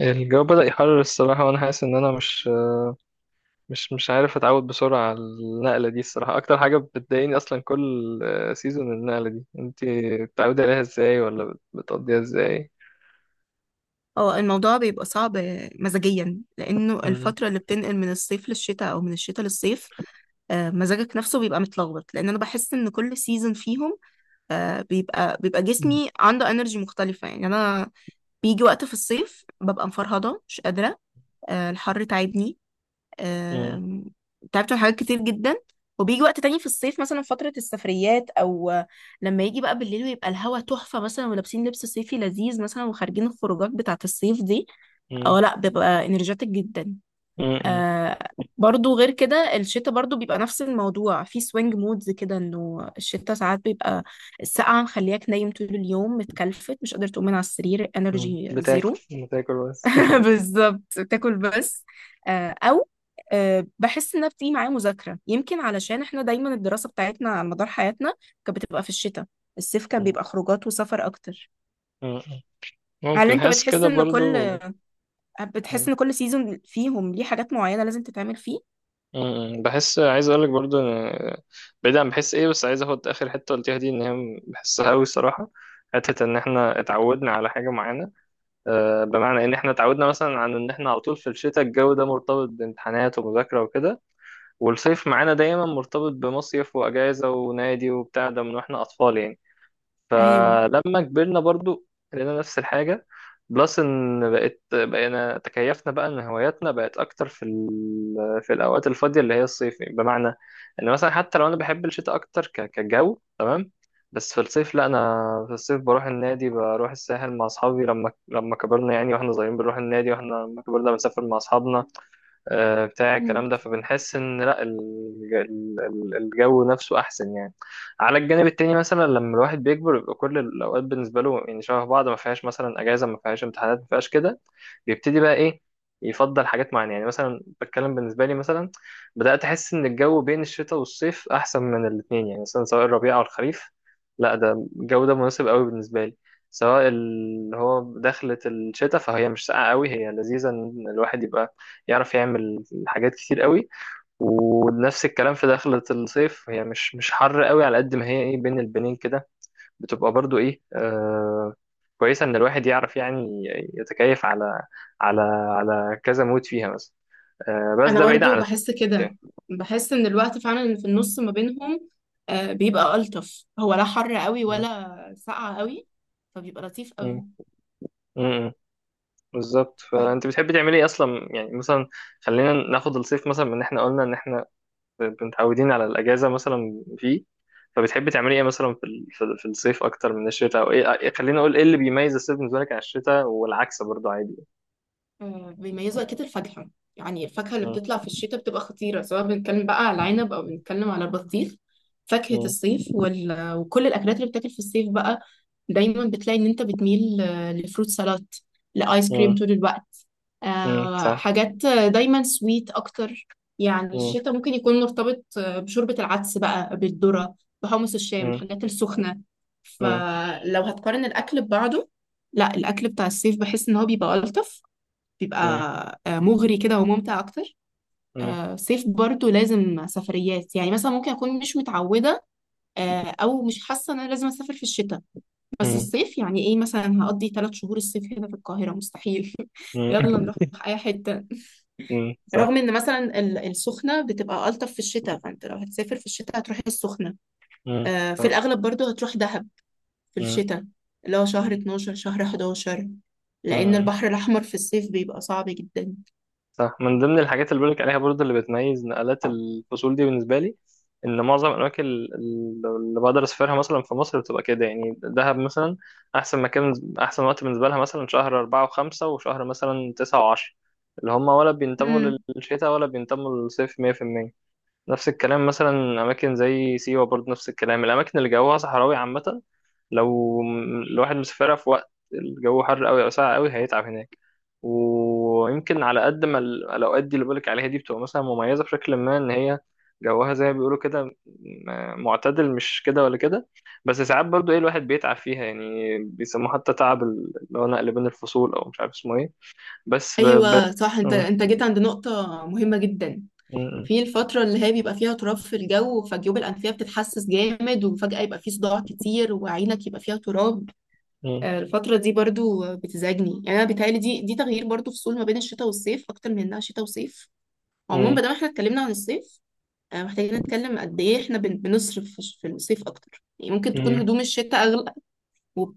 الجو بدأ يحرر الصراحة وأنا حاسس إن أنا مش عارف أتعود بسرعة على النقلة دي. الصراحة أكتر حاجة بتضايقني أصلا كل سيزون النقلة دي، أنت بتتعودي عليها إزاي ولا بتقضيها إزاي؟ اه الموضوع بيبقى صعب، مزاجيا لانه مم. الفتره اللي بتنقل من الصيف للشتاء او من الشتاء للصيف. مزاجك نفسه بيبقى متلخبط لان انا بحس ان كل سيزون فيهم بيبقى مم. جسمي عنده انرجي مختلفه. يعني انا بيجي وقت في الصيف ببقى مفرهده مش قادره، الحر تعبني. مم. آم، تعبت من حاجات كتير جدا. وبيجي وقت تاني في الصيف، مثلا فترة السفريات، أو لما يجي بقى بالليل ويبقى الهوا تحفة مثلا ولابسين لبس صيفي لذيذ مثلا وخارجين الخروجات بتاعة الصيف دي، مم. اه لا ببقى انرجيتك جدا. مم. آه، برضو غير كده الشتاء برضو بيبقى نفس الموضوع، في سوينج مودز كده، انه الشتاء ساعات بيبقى السقعة مخلياك نايم طول اليوم متكلفت مش قادر تقوم من على السرير، مم. انرجي بتاكل زيرو. بتاكل بس. بالظبط، تاكل بس. آه، او آه، بحس انها بتيجي معايا مذاكره، يمكن علشان احنا دايما الدراسه بتاعتنا على مدار حياتنا كانت بتبقى في الشتاء، الصيف كان مم. بيبقى خروجات وسفر اكتر. مم. هل ممكن انت حاسس بتحس كده ان كل برضو. بتحس مم. ان كل سيزون فيهم ليه حاجات معينه لازم تتعمل فيه؟ مم. بحس عايز أقولك برضو بعيد عن بحس إيه، بس عايز أخد آخر حتة قلتيها دي إن هي بحسها أوي الصراحة، حتة إن إحنا اتعودنا على حاجة معينة. بمعنى ان احنا اتعودنا مثلا عن ان احنا على طول في الشتاء الجو ده مرتبط بامتحانات ومذاكرة وكده، والصيف معانا دايما مرتبط بمصيف واجازة ونادي وبتاع ده من واحنا اطفال يعني. ايوه. فلما كبرنا برضو لقينا نفس الحاجة. بلس ان بقينا تكيفنا بقى ان هواياتنا بقت اكتر في الاوقات الفاضية اللي هي الصيف، بمعنى ان مثلا حتى لو انا بحب الشتاء اكتر كجو تمام. بس في الصيف لا، انا في الصيف بروح النادي بروح الساحل مع اصحابي لما كبرنا يعني. واحنا صغيرين بنروح النادي، واحنا لما كبرنا بنسافر مع اصحابنا. بتاع مم. الكلام ده، فبنحس ان لا الجو نفسه احسن يعني. على الجانب التاني مثلا، لما الواحد بيكبر بيبقى كل الاوقات بالنسبه له يعني شبه بعض، ما فيهاش مثلا اجازه ما فيهاش امتحانات ما فيهاش كده. بيبتدي بقى ايه يفضل حاجات معينه يعني. مثلا بتكلم بالنسبه لي، مثلا بدات احس ان الجو بين الشتاء والصيف احسن من الاثنين، يعني مثلا سواء الربيع او الخريف، لا ده الجو ده مناسب قوي بالنسبه لي. سواء اللي هو دخلت الشتاء فهي مش ساقعه قوي، هي لذيذه ان الواحد يبقى يعرف يعمل حاجات كتير قوي. ونفس الكلام في دخلة الصيف، هي مش حر قوي، على قد ما هي ايه بين البنين كده بتبقى برضو ايه. كويسة ان الواحد يعرف يعني يتكيف على على كذا مود فيها مثلا. بس انا ده بعيد برضو عن الطقس بحس كده، يعني. بحس ان الوقت فعلا اللي في النص ما بينهم بيبقى الطف، هو لا حر قوي م- ولا ساقع قوي، فبيبقى لطيف قوي. م- م- بالظبط. فانت بتحبي تعملي ايه اصلا يعني، مثلا خلينا ناخد الصيف مثلا من ان احنا قلنا ان احنا متعودين على الأجازة مثلا فيه. فبتحبي تعملي إيه مثلا في الصيف أكتر من الشتاء؟ أو خليني أقول إيه اللي بيميز الصيف بالنسبة لك عن الشتاء، والعكس برضه عادي. بيميزوا اكيد الفاكهه، يعني الفاكهه اللي مم. بتطلع في الشتاء بتبقى خطيره، سواء بنتكلم بقى على العنب او بنتكلم على البطيخ. فاكهه مم. الصيف وال... وكل الاكلات اللي بتاكل في الصيف بقى، دايما بتلاقي ان انت بتميل لفروت سلطات، لايس كريم مم. طول الوقت، مم. صح. حاجات دايما سويت اكتر. يعني مم. الشتاء ممكن يكون مرتبط بشوربه العدس بقى، بالذره، بحمص الشام، مم. الحاجات السخنه. مم. فلو هتقارن الاكل ببعضه، لا الاكل بتاع الصيف بحس ان هو بيبقى الطف، بيبقى مم. مغري كده وممتع اكتر. مم. آه، صيف برضو لازم سفريات، يعني مثلا ممكن اكون مش متعوده آه، او مش حاسه ان انا لازم اسافر في الشتاء، بس مم. الصيف يعني ايه مثلا، هقضي ثلاث شهور الصيف هنا في القاهره؟ مستحيل. يلا نروح اي حته. مم. رغم صح. ان مثلا ال- السخنه بتبقى الطف في الشتاء، فانت لو هتسافر في الشتاء هتروح السخنه، مم. في صح. الاغلب، برضو هتروح دهب في مم. الشتاء، اللي هو شهر 12 شهر 11، لان مم. البحر الاحمر في الصيف بيبقى صعب جدا. صح. من ضمن الحاجات اللي بقولك عليها برضه اللي بتميز نقلات الفصول دي بالنسبة لي، إن معظم الأماكن اللي بقدر أسافرها مثلا في مصر بتبقى كده يعني. دهب مثلا، أحسن مكان أحسن وقت بالنسبة لها مثلا شهر 4 وخمسة، وشهر مثلا 9 وعشرة، اللي هما ولا بينتموا للشتاء ولا بينتموا للصيف 100%. نفس الكلام مثلا، أماكن زي سيوة برضه نفس الكلام. الأماكن اللي جوها صحراوي عامة، لو الواحد مسافرها في وقت الجو حر قوي او ساقع قوي هيتعب هناك. ويمكن على قد ما الاوقات دي اللي بقولك عليها دي بتبقى مثلا مميزه بشكل ما ان هي جوها زي ما بيقولوا كده معتدل، مش كده ولا كده. بس ساعات برضو ايه الواحد بيتعب فيها يعني، بيسموه حتى تعب اللي هو نقل بين الفصول، او مش عارف اسمه ايه. بس ب... ب... ايوه صح، انت م- انت جيت عند نقطه مهمه جدا، م- في الفتره اللي هي بيبقى فيها تراب في الجو، فجيوب الانفيه بتتحسس جامد وفجاه يبقى في صداع كتير وعينك يبقى فيها تراب. م- الفتره دي برضو بتزعجني، يعني انا بيتهيألي دي تغيير برضو فصول ما بين الشتاء والصيف، اكتر من انها شتاء وصيف. عموما م- بدل ما احنا اتكلمنا عن الصيف، محتاجين نتكلم قد ايه احنا بن- بنصرف في الصيف اكتر. يعني ممكن تكون م- هدوم الشتاء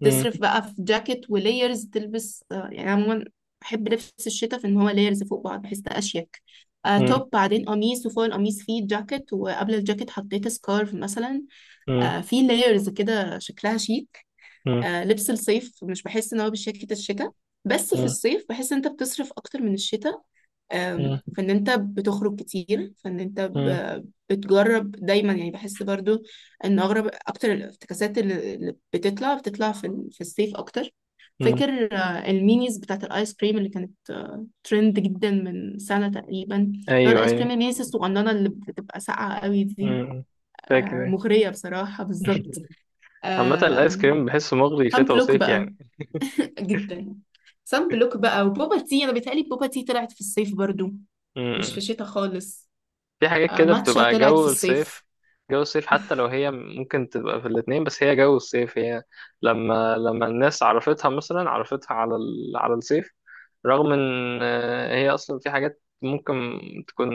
م- بقى في جاكيت وليرز تلبس، يعني عموما بحب لبس الشتاء في ان هو ليرز فوق بعض، بحس ده اشيك. م- م- توب بعدين قميص وفوق القميص فيه جاكيت وقبل الجاكيت حطيت سكارف مثلا، م- في لايرز كده شكلها شيك. لبس الصيف مش بحس ان هو بشياكة الشتاء، بس في م- الصيف بحس ان انت بتصرف اكتر من الشتاء. م- م- فان انت بتخرج كتير، فان انت ب- بتجرب دايما. يعني بحس برضو ان اغرب اكتر الافتكاسات اللي بتطلع في ال- في الصيف اكتر. م- فاكر المينيز بتاعت الايس كريم اللي كانت ترند جدا من سنة تقريبا، اللي هو ايوه، الايس كريم ايوه. المينيز الصغننة اللي بتبقى ساقعة قوي م- دي، م. فاكر أيوه. مغرية بصراحة، بالظبط. عامة الآيس كريم بحسه مغري سان شتا بلوك وصيف بقى يعني. جدا، سان بلوك بقى وبوبا تي. انا بيتهيألي بوبا تي طلعت في الصيف برضو، م- مش في م. الشتاء خالص. في حاجات كده ماتشا بتبقى طلعت في جو الصيف. الصيف. جو الصيف حتى لو هي ممكن تبقى في الاتنين، بس هي جو الصيف. هي لما الناس عرفتها مثلا عرفتها على الصيف. رغم ان هي اصلا في حاجات ممكن تكون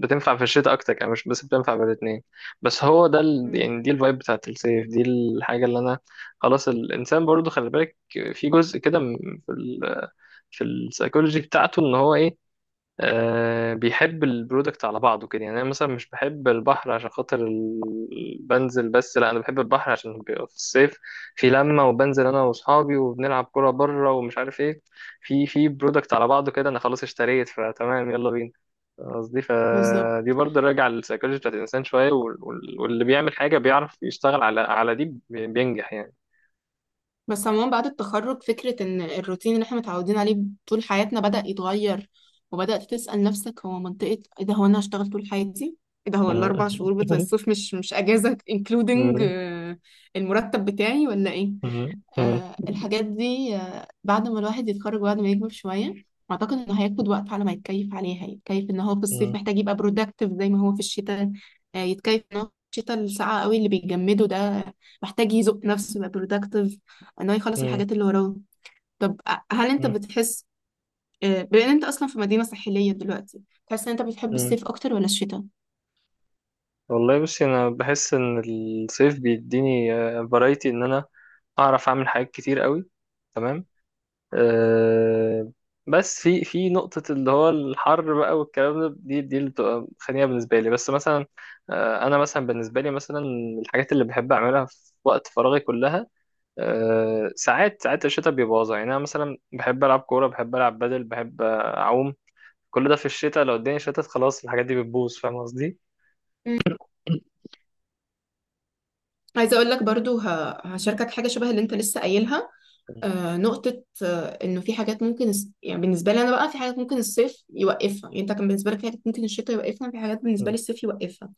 بتنفع في الشتاء اكتر يعني، مش بس بتنفع في الاتنين. بس هو مم. يعني دي الفايب بتاعت الصيف، دي الحاجة اللي انا. خلاص، الانسان برضو خلي بالك في جزء كده في السايكولوجي بتاعته ان هو ايه. بيحب البرودكت على بعضه كده. يعني انا مثلا مش بحب البحر عشان خاطر بنزل بس، لا انا بحب البحر عشان بيبقى في الصيف في لمه، وبنزل انا واصحابي وبنلعب كوره بره ومش عارف ايه. في برودكت على بعضه كده، انا خلاص اشتريت فتمام يلا بينا. قصدي بالظبط. فدي برضه راجع للسيكولوجي بتاعت الانسان شويه، واللي بيعمل حاجه بيعرف يشتغل على دي بينجح يعني. بس عموما بعد التخرج، فكرة ان الروتين اللي احنا متعودين عليه طول حياتنا بدأ يتغير، وبدأت تسأل نفسك هو منطقة ايه ده، هو انا هشتغل طول حياتي؟ ايه ده، هو مم. الاربع شهور بتوع الصيف مش اجازة including مم. المرتب بتاعي ولا ايه؟ مم. مم. الحاجات دي بعد ما الواحد يتخرج وبعد ما يكبر شوية، أعتقد إنه هياخد وقت على ما يتكيف عليها. يتكيف إن هو في الصيف محتاج يبقى برودكتيف زي ما هو في الشتاء، يتكيف إن هو في الشتاء الساقعة قوي اللي بيجمده ده محتاج يزق نفسه يبقى برودكتيف، إن هو يخلص مم. الحاجات اللي وراه. طب أ- هل أنت بتحس، بما إن أنت أصلا في مدينة ساحلية دلوقتي، تحس إن أنت بتحب مم. الصيف أكتر ولا الشتاء؟ والله بصي، انا بحس ان الصيف بيديني فرايتي ان انا اعرف اعمل حاجات كتير قوي تمام. أه، بس في في نقطة اللي هو الحر بقى والكلام ده، دي اللي بتبقى خانية بالنسبة لي، بس مثلا. أه، انا مثلا بالنسبة لي، مثلا الحاجات اللي بحب اعملها في وقت فراغي كلها، أه ساعات الشتاء بيبوظها يعني. انا مثلا بحب العب كورة، بحب العب بدل، بحب اعوم. كل ده في الشتاء، لو الدنيا شتت خلاص الحاجات دي بتبوظ، فاهم قصدي؟ مم. عايزة أقول لك برضو، ه- هشاركك حاجة شبه اللي أنت لسه قايلها. نقطة إنه في حاجات ممكن الس-، يعني بالنسبة لي أنا بقى في حاجات ممكن الصيف يوقفها. يعني أنت كان بالنسبة لك في حاجات ممكن الشتاء يوقفها، في حاجات بالنسبة لي الصيف يوقفها.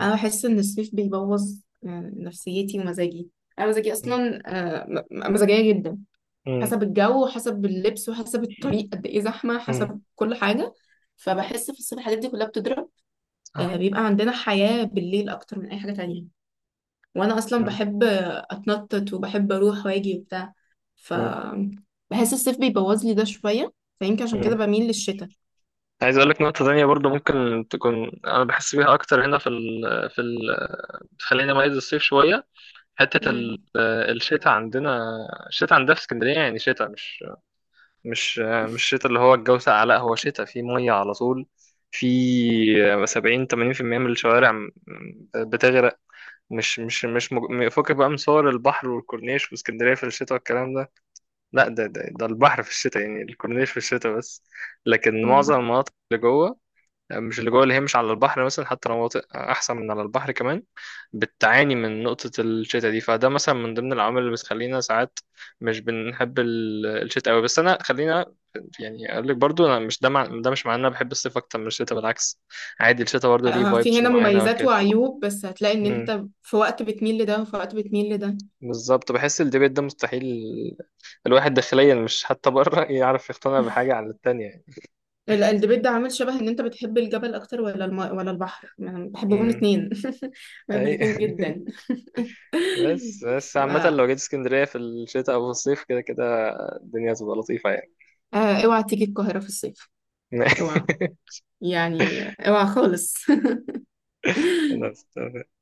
أنا بحس إن الصيف بيبوظ نفسيتي ومزاجي. أنا مزاجي مم. أصلا آه، م- م- مزاجية جدا، مم. حسب الجو وحسب اللبس وحسب الطريق قد إيه زحمة، مم. حسب كل حاجة. فبحس في الصيف الحاجات دي كلها بتضرب. صح. بيبقى عندنا حياة بالليل أكتر من أي حاجة تانية، وانا اصلا مم. بحب اتنطط وبحب اروح واجي وبتاع، ف مم. بحس الصيف بيبوظ لي ده شويه، فيمكن عشان كده مم. بميل للشتاء. عايز اقول لك نقطة تانية برضو ممكن تكون انا بحس بيها اكتر هنا في ال... خلينا ميز الصيف شوية، حتة ال... مم. الشتاء عندنا. في اسكندرية يعني شتاء مش مش شتاء اللي هو الجو ساقع، لا هو شتاء فيه مية على طول. في 70 80% من الشوارع بتغرق. مش مش مش مج... فكك بقى من صور البحر والكورنيش واسكندرية في الشتاء والكلام ده. لا، ده البحر في الشتاء، يعني الكورنيش في الشتاء بس. لكن مم. معظم المناطق اللي جوه، مش، اللي جوه اللي هي مش على البحر، مثلا حتى لو مناطق احسن من على البحر كمان، بتعاني من نقطة الشتاء دي. فده مثلا من ضمن العوامل اللي بتخلينا ساعات مش بنحب الشتاء قوي. بس انا خلينا يعني اقول لك برضو، انا مش ده مع... ده مش معناه إن انا بحب الصيف اكتر من الشتاء، بالعكس، عادي الشتاء برضو ليه في فايبس هنا معينة مميزات وكده. وعيوب، بس هتلاقي ان مم. انت في وقت بتميل لده وفي وقت بتميل لده. بالظبط، بحس الديبيت ده مستحيل الواحد داخليا مش حتى بره يعرف يقتنع بحاجة عن التانية. ال- الديبيت ده عامل شبه ان انت بتحب الجبل اكتر ولا الماء ولا البحر، يعني أنا بحبهم امم الاثنين، بحب اي. الاثنين جدا. بس ف... عامة لو جيت اسكندرية في الشتاء او في الصيف كده كده الدنيا هتبقى لطيفة يعني. اوعى تيجي القاهرة في الصيف، اوعى، يعني اوعى خالص. خلاص.